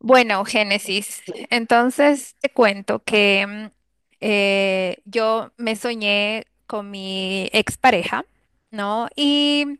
Bueno, Génesis, entonces te cuento que yo me soñé con mi expareja, ¿no? Y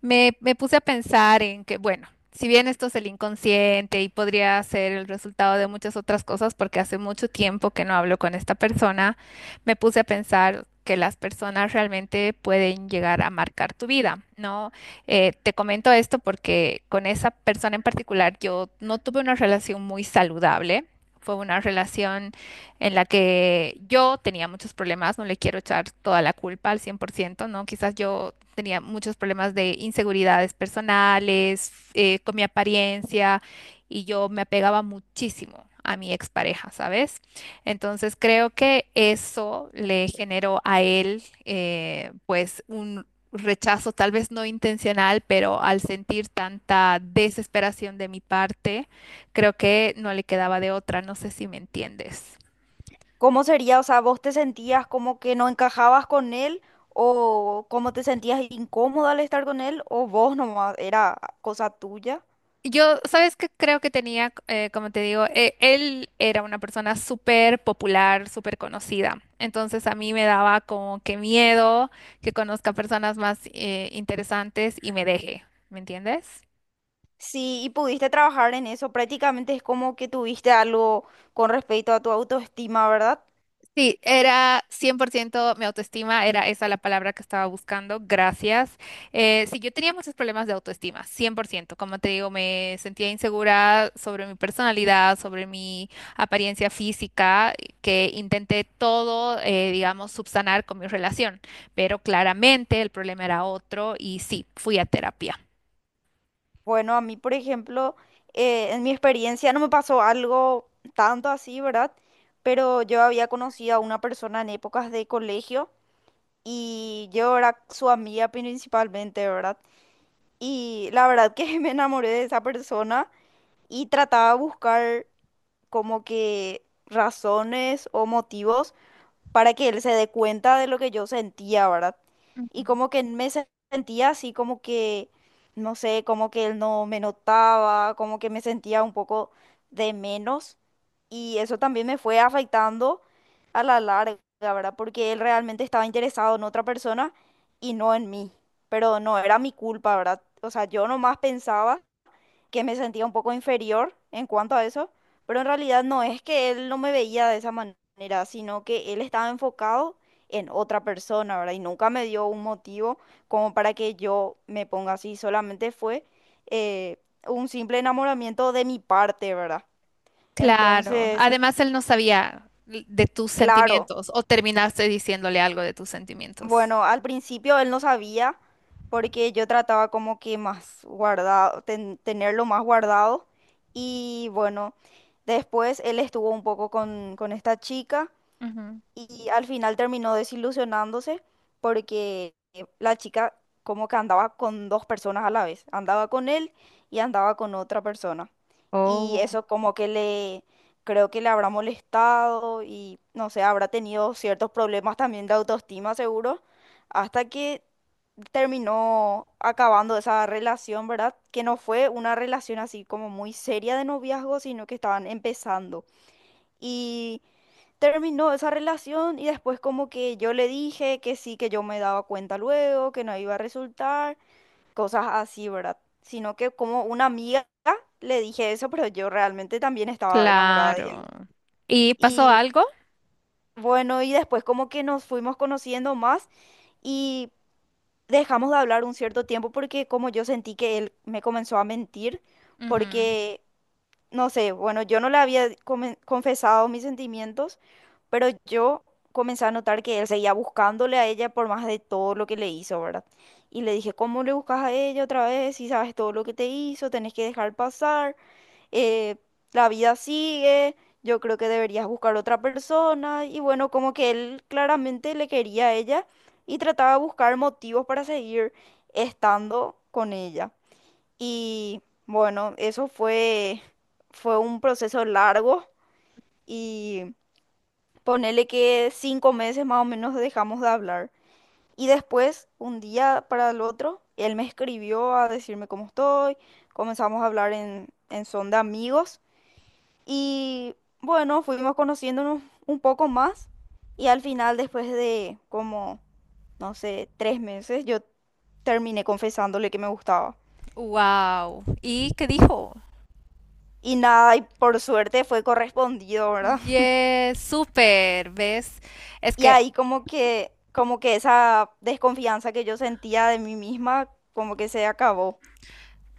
me puse a pensar en que, bueno, si bien esto es el inconsciente y podría ser el resultado de muchas otras cosas, porque hace mucho tiempo que no hablo con esta persona, me puse a pensar que las personas realmente pueden llegar a marcar tu vida, ¿no? Te comento esto porque con esa persona en particular yo no tuve una relación muy saludable. Fue una relación en la que yo tenía muchos problemas, no le quiero echar toda la culpa al 100%, ¿no? Quizás yo tenía muchos problemas de inseguridades personales, con mi apariencia, y yo me apegaba muchísimo a mi expareja, ¿sabes? Entonces creo que eso le generó a él, pues, un rechazo tal vez no intencional, pero al sentir tanta desesperación de mi parte, creo que no le quedaba de otra, no sé si me entiendes. ¿Cómo sería? O sea, ¿vos te sentías como que no encajabas con él? ¿O cómo te sentías incómoda al estar con él? ¿O vos nomás era cosa tuya? Yo, ¿sabes qué? Creo que tenía, como te digo, él era una persona súper popular, súper conocida. Entonces a mí me daba como que miedo que conozca personas más interesantes y me deje, ¿me entiendes? Sí, y pudiste trabajar en eso. Prácticamente es como que tuviste algo con respecto a tu autoestima, ¿verdad? Sí, era 100% mi autoestima, era esa la palabra que estaba buscando, gracias. Sí, yo tenía muchos problemas de autoestima, 100%. Como te digo, me sentía insegura sobre mi personalidad, sobre mi apariencia física, que intenté todo, digamos, subsanar con mi relación, pero claramente el problema era otro y sí, fui a terapia. Bueno, a mí, por ejemplo, en mi experiencia no me pasó algo tanto así, ¿verdad? Pero yo había conocido a una persona en épocas de colegio y yo era su amiga principalmente, ¿verdad? Y la verdad que me enamoré de esa persona y trataba de buscar como que razones o motivos para que él se dé cuenta de lo que yo sentía, ¿verdad? Y Ujú. como que sentía así, como que, no sé, como que él no me notaba, como que me sentía un poco de menos. Y eso también me fue afectando a la larga, ¿verdad? Porque él realmente estaba interesado en otra persona y no en mí. Pero no era mi culpa, ¿verdad? O sea, yo nomás pensaba que me sentía un poco inferior en cuanto a eso, pero en realidad no es que él no me veía de esa manera, sino que él estaba enfocado en otra persona, ¿verdad? Y nunca me dio un motivo como para que yo me ponga así, solamente fue eh, un simple enamoramiento de mi parte, ¿verdad? Claro, Entonces, además él no sabía de tus claro, sentimientos o terminaste diciéndole algo de tus sentimientos. bueno, al principio él no sabía porque yo trataba como que más guardado, tenerlo más guardado. Y bueno, después él estuvo un poco con esta chica Ujú. y al final terminó desilusionándose porque la chica como que andaba con dos personas a la vez, andaba con él y andaba con otra persona. Y Oh. eso como que creo que le habrá molestado y no sé, habrá tenido ciertos problemas también de autoestima seguro, hasta que terminó acabando esa relación, ¿verdad? Que no fue una relación así como muy seria de noviazgo, sino que estaban empezando y terminó esa relación y después como que yo le dije que sí, que yo me daba cuenta luego, que no iba a resultar, cosas así, ¿verdad? Sino que como una amiga le dije eso, pero yo realmente también estaba enamorada de Claro. él. ¿Y pasó Y algo? bueno, y después como que nos fuimos conociendo más y dejamos de hablar un cierto tiempo porque como yo sentí que él me comenzó a mentir, porque no sé, bueno, yo no le había confesado mis sentimientos, pero yo comencé a notar que él seguía buscándole a ella por más de todo lo que le hizo, ¿verdad? Y le dije, ¿cómo le buscas a ella otra vez? Si sabes todo lo que te hizo, tenés que dejar pasar, eh, la vida sigue, yo creo que deberías buscar otra persona. Y bueno, como que él claramente le quería a ella y trataba de buscar motivos para seguir estando con ella. Y bueno, fue un proceso largo y ponele que 5 meses más o menos dejamos de hablar. Y después, un día para el otro, él me escribió a decirme cómo estoy, comenzamos a hablar en son de amigos y bueno, fuimos conociéndonos un poco más y al final, después de como, no sé, 3 meses, yo terminé confesándole que me gustaba. Wow. ¿Y qué dijo? Y nada, y por suerte fue correspondido, ¿verdad? Yes, súper, ¿ves? Es Y que ahí como que esa desconfianza que yo sentía de mí misma, como que se acabó.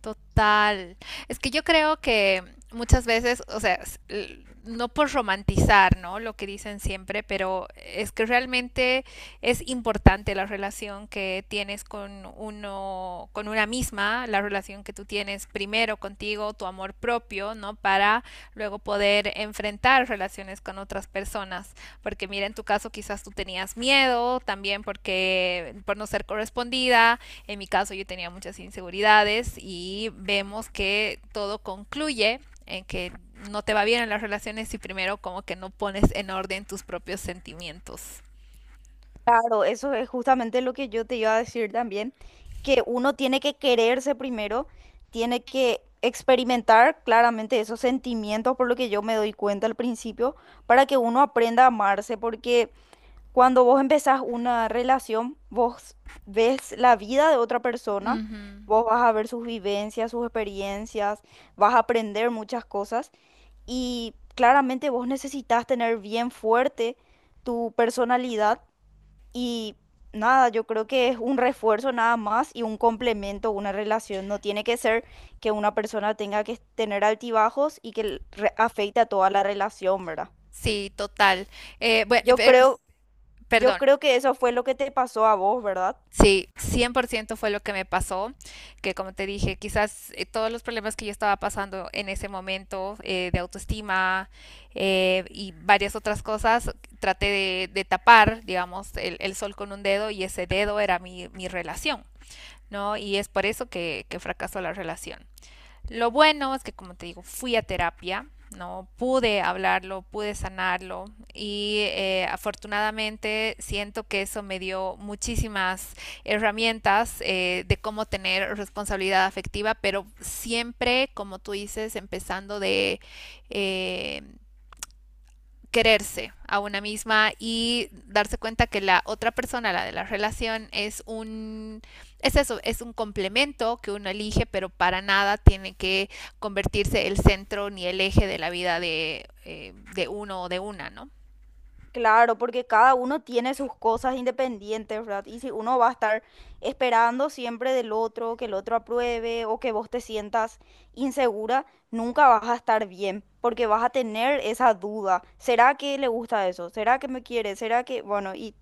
total. Es que yo creo que muchas veces, o sea, no por romantizar, ¿no? Lo que dicen siempre, pero es que realmente es importante la relación que tienes con uno, con una misma, la relación que tú tienes primero contigo, tu amor propio, ¿no? Para luego poder enfrentar relaciones con otras personas. Porque mira, en tu caso quizás tú tenías miedo también porque por no ser correspondida, en mi caso yo tenía muchas inseguridades y vemos que todo concluye en que no te va bien en las relaciones si primero como que no pones en orden tus propios sentimientos. Claro, eso es justamente lo que yo te iba a decir también, que uno tiene que quererse primero, tiene que experimentar claramente esos sentimientos, por lo que yo me doy cuenta al principio, para que uno aprenda a amarse, porque cuando vos empezás una relación, vos ves la vida de otra persona, Ujú. vos vas a ver sus vivencias, sus experiencias, vas a aprender muchas cosas y claramente vos necesitas tener bien fuerte tu personalidad y nada, yo creo que es un refuerzo nada más y un complemento, una relación. No tiene que ser que una persona tenga que tener altibajos y que afecte a toda la relación, ¿verdad? Sí, total. Bueno, Yo creo, yo perdón. creo que eso fue lo que te pasó a vos, ¿verdad? Sí, 100% fue lo que me pasó, que como te dije, quizás todos los problemas que yo estaba pasando en ese momento, de autoestima y varias otras cosas, traté de tapar, digamos, el sol con un dedo y ese dedo era mi relación, ¿no? Y es por eso que fracasó la relación. Lo bueno es que, como te digo, fui a terapia, ¿no? Pude hablarlo, pude sanarlo y afortunadamente siento que eso me dio muchísimas herramientas, de cómo tener responsabilidad afectiva, pero siempre, como tú dices, empezando de, eh, quererse a una misma y darse cuenta que la otra persona, la de la relación, es eso, es un complemento que uno elige, pero para nada tiene que convertirse el centro ni el eje de la vida de uno o de una, ¿no? Claro, porque cada uno tiene sus cosas independientes, ¿verdad? Y si uno va a estar esperando siempre del otro, que el otro apruebe o que vos te sientas insegura, nunca vas a estar bien, porque vas a tener esa duda. ¿Será que le gusta eso? ¿Será que me quiere? ¿Será que...? Bueno, y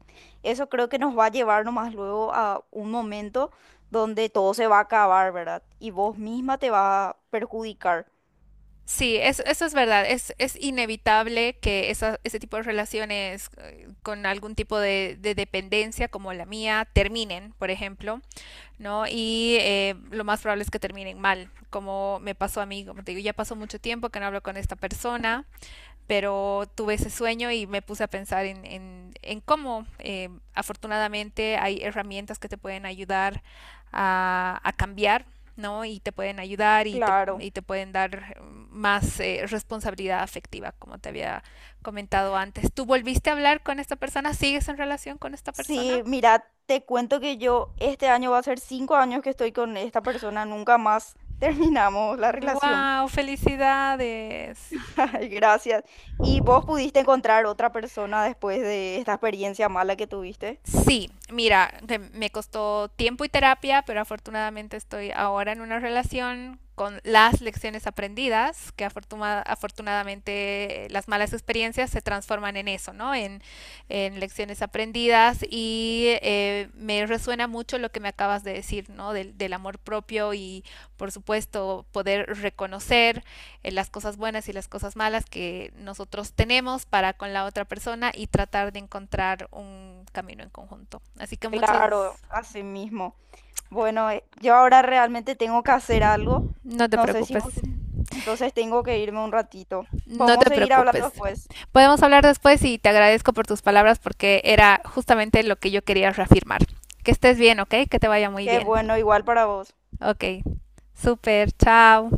eso creo que nos va a llevar nomás luego a un momento donde todo se va a acabar, ¿verdad? Y vos misma te va a perjudicar. Sí, es, eso es verdad. es inevitable que ese tipo de relaciones, con algún tipo de dependencia como la mía, terminen, por ejemplo. ¿No? Y lo más probable es que terminen mal, como me pasó a mí, como te digo, ya pasó mucho tiempo que no hablo con esta persona, pero tuve ese sueño y me puse a pensar en, cómo afortunadamente hay herramientas que te pueden ayudar a cambiar. ¿No? Y te pueden ayudar y te, Claro. y te pueden dar más, responsabilidad afectiva, como te había comentado antes. ¿Tú volviste a hablar con esta persona? ¿Sigues en relación con esta persona? Sí, mira, te cuento que yo este año va a ser 5 años que estoy con esta persona, nunca más terminamos la relación. ¡Wow! ¡Felicidades! Ay, gracias. ¿Y vos pudiste encontrar otra persona después de esta experiencia mala que tuviste? Sí, mira, me costó tiempo y terapia, pero afortunadamente estoy ahora en una relación con las lecciones aprendidas, que afortunadamente, las malas experiencias se transforman en eso, ¿no? en lecciones aprendidas y me resuena mucho lo que me acabas de decir, ¿no? Del amor propio y, por supuesto, poder reconocer las cosas buenas y las cosas malas que nosotros tenemos para con la otra persona y tratar de encontrar un camino en conjunto. Así que muchas. Claro, así mismo. Bueno, yo ahora realmente tengo que hacer algo. No te No sé si preocupes, vos tenés. Entonces tengo que irme un ratito. no Podemos te seguir hablando preocupes. después. Podemos hablar después y te agradezco por tus palabras porque era justamente lo que yo quería reafirmar. Que estés bien, ¿ok? Que te vaya muy Qué bien. bueno, igual para vos. Ok, super, chao.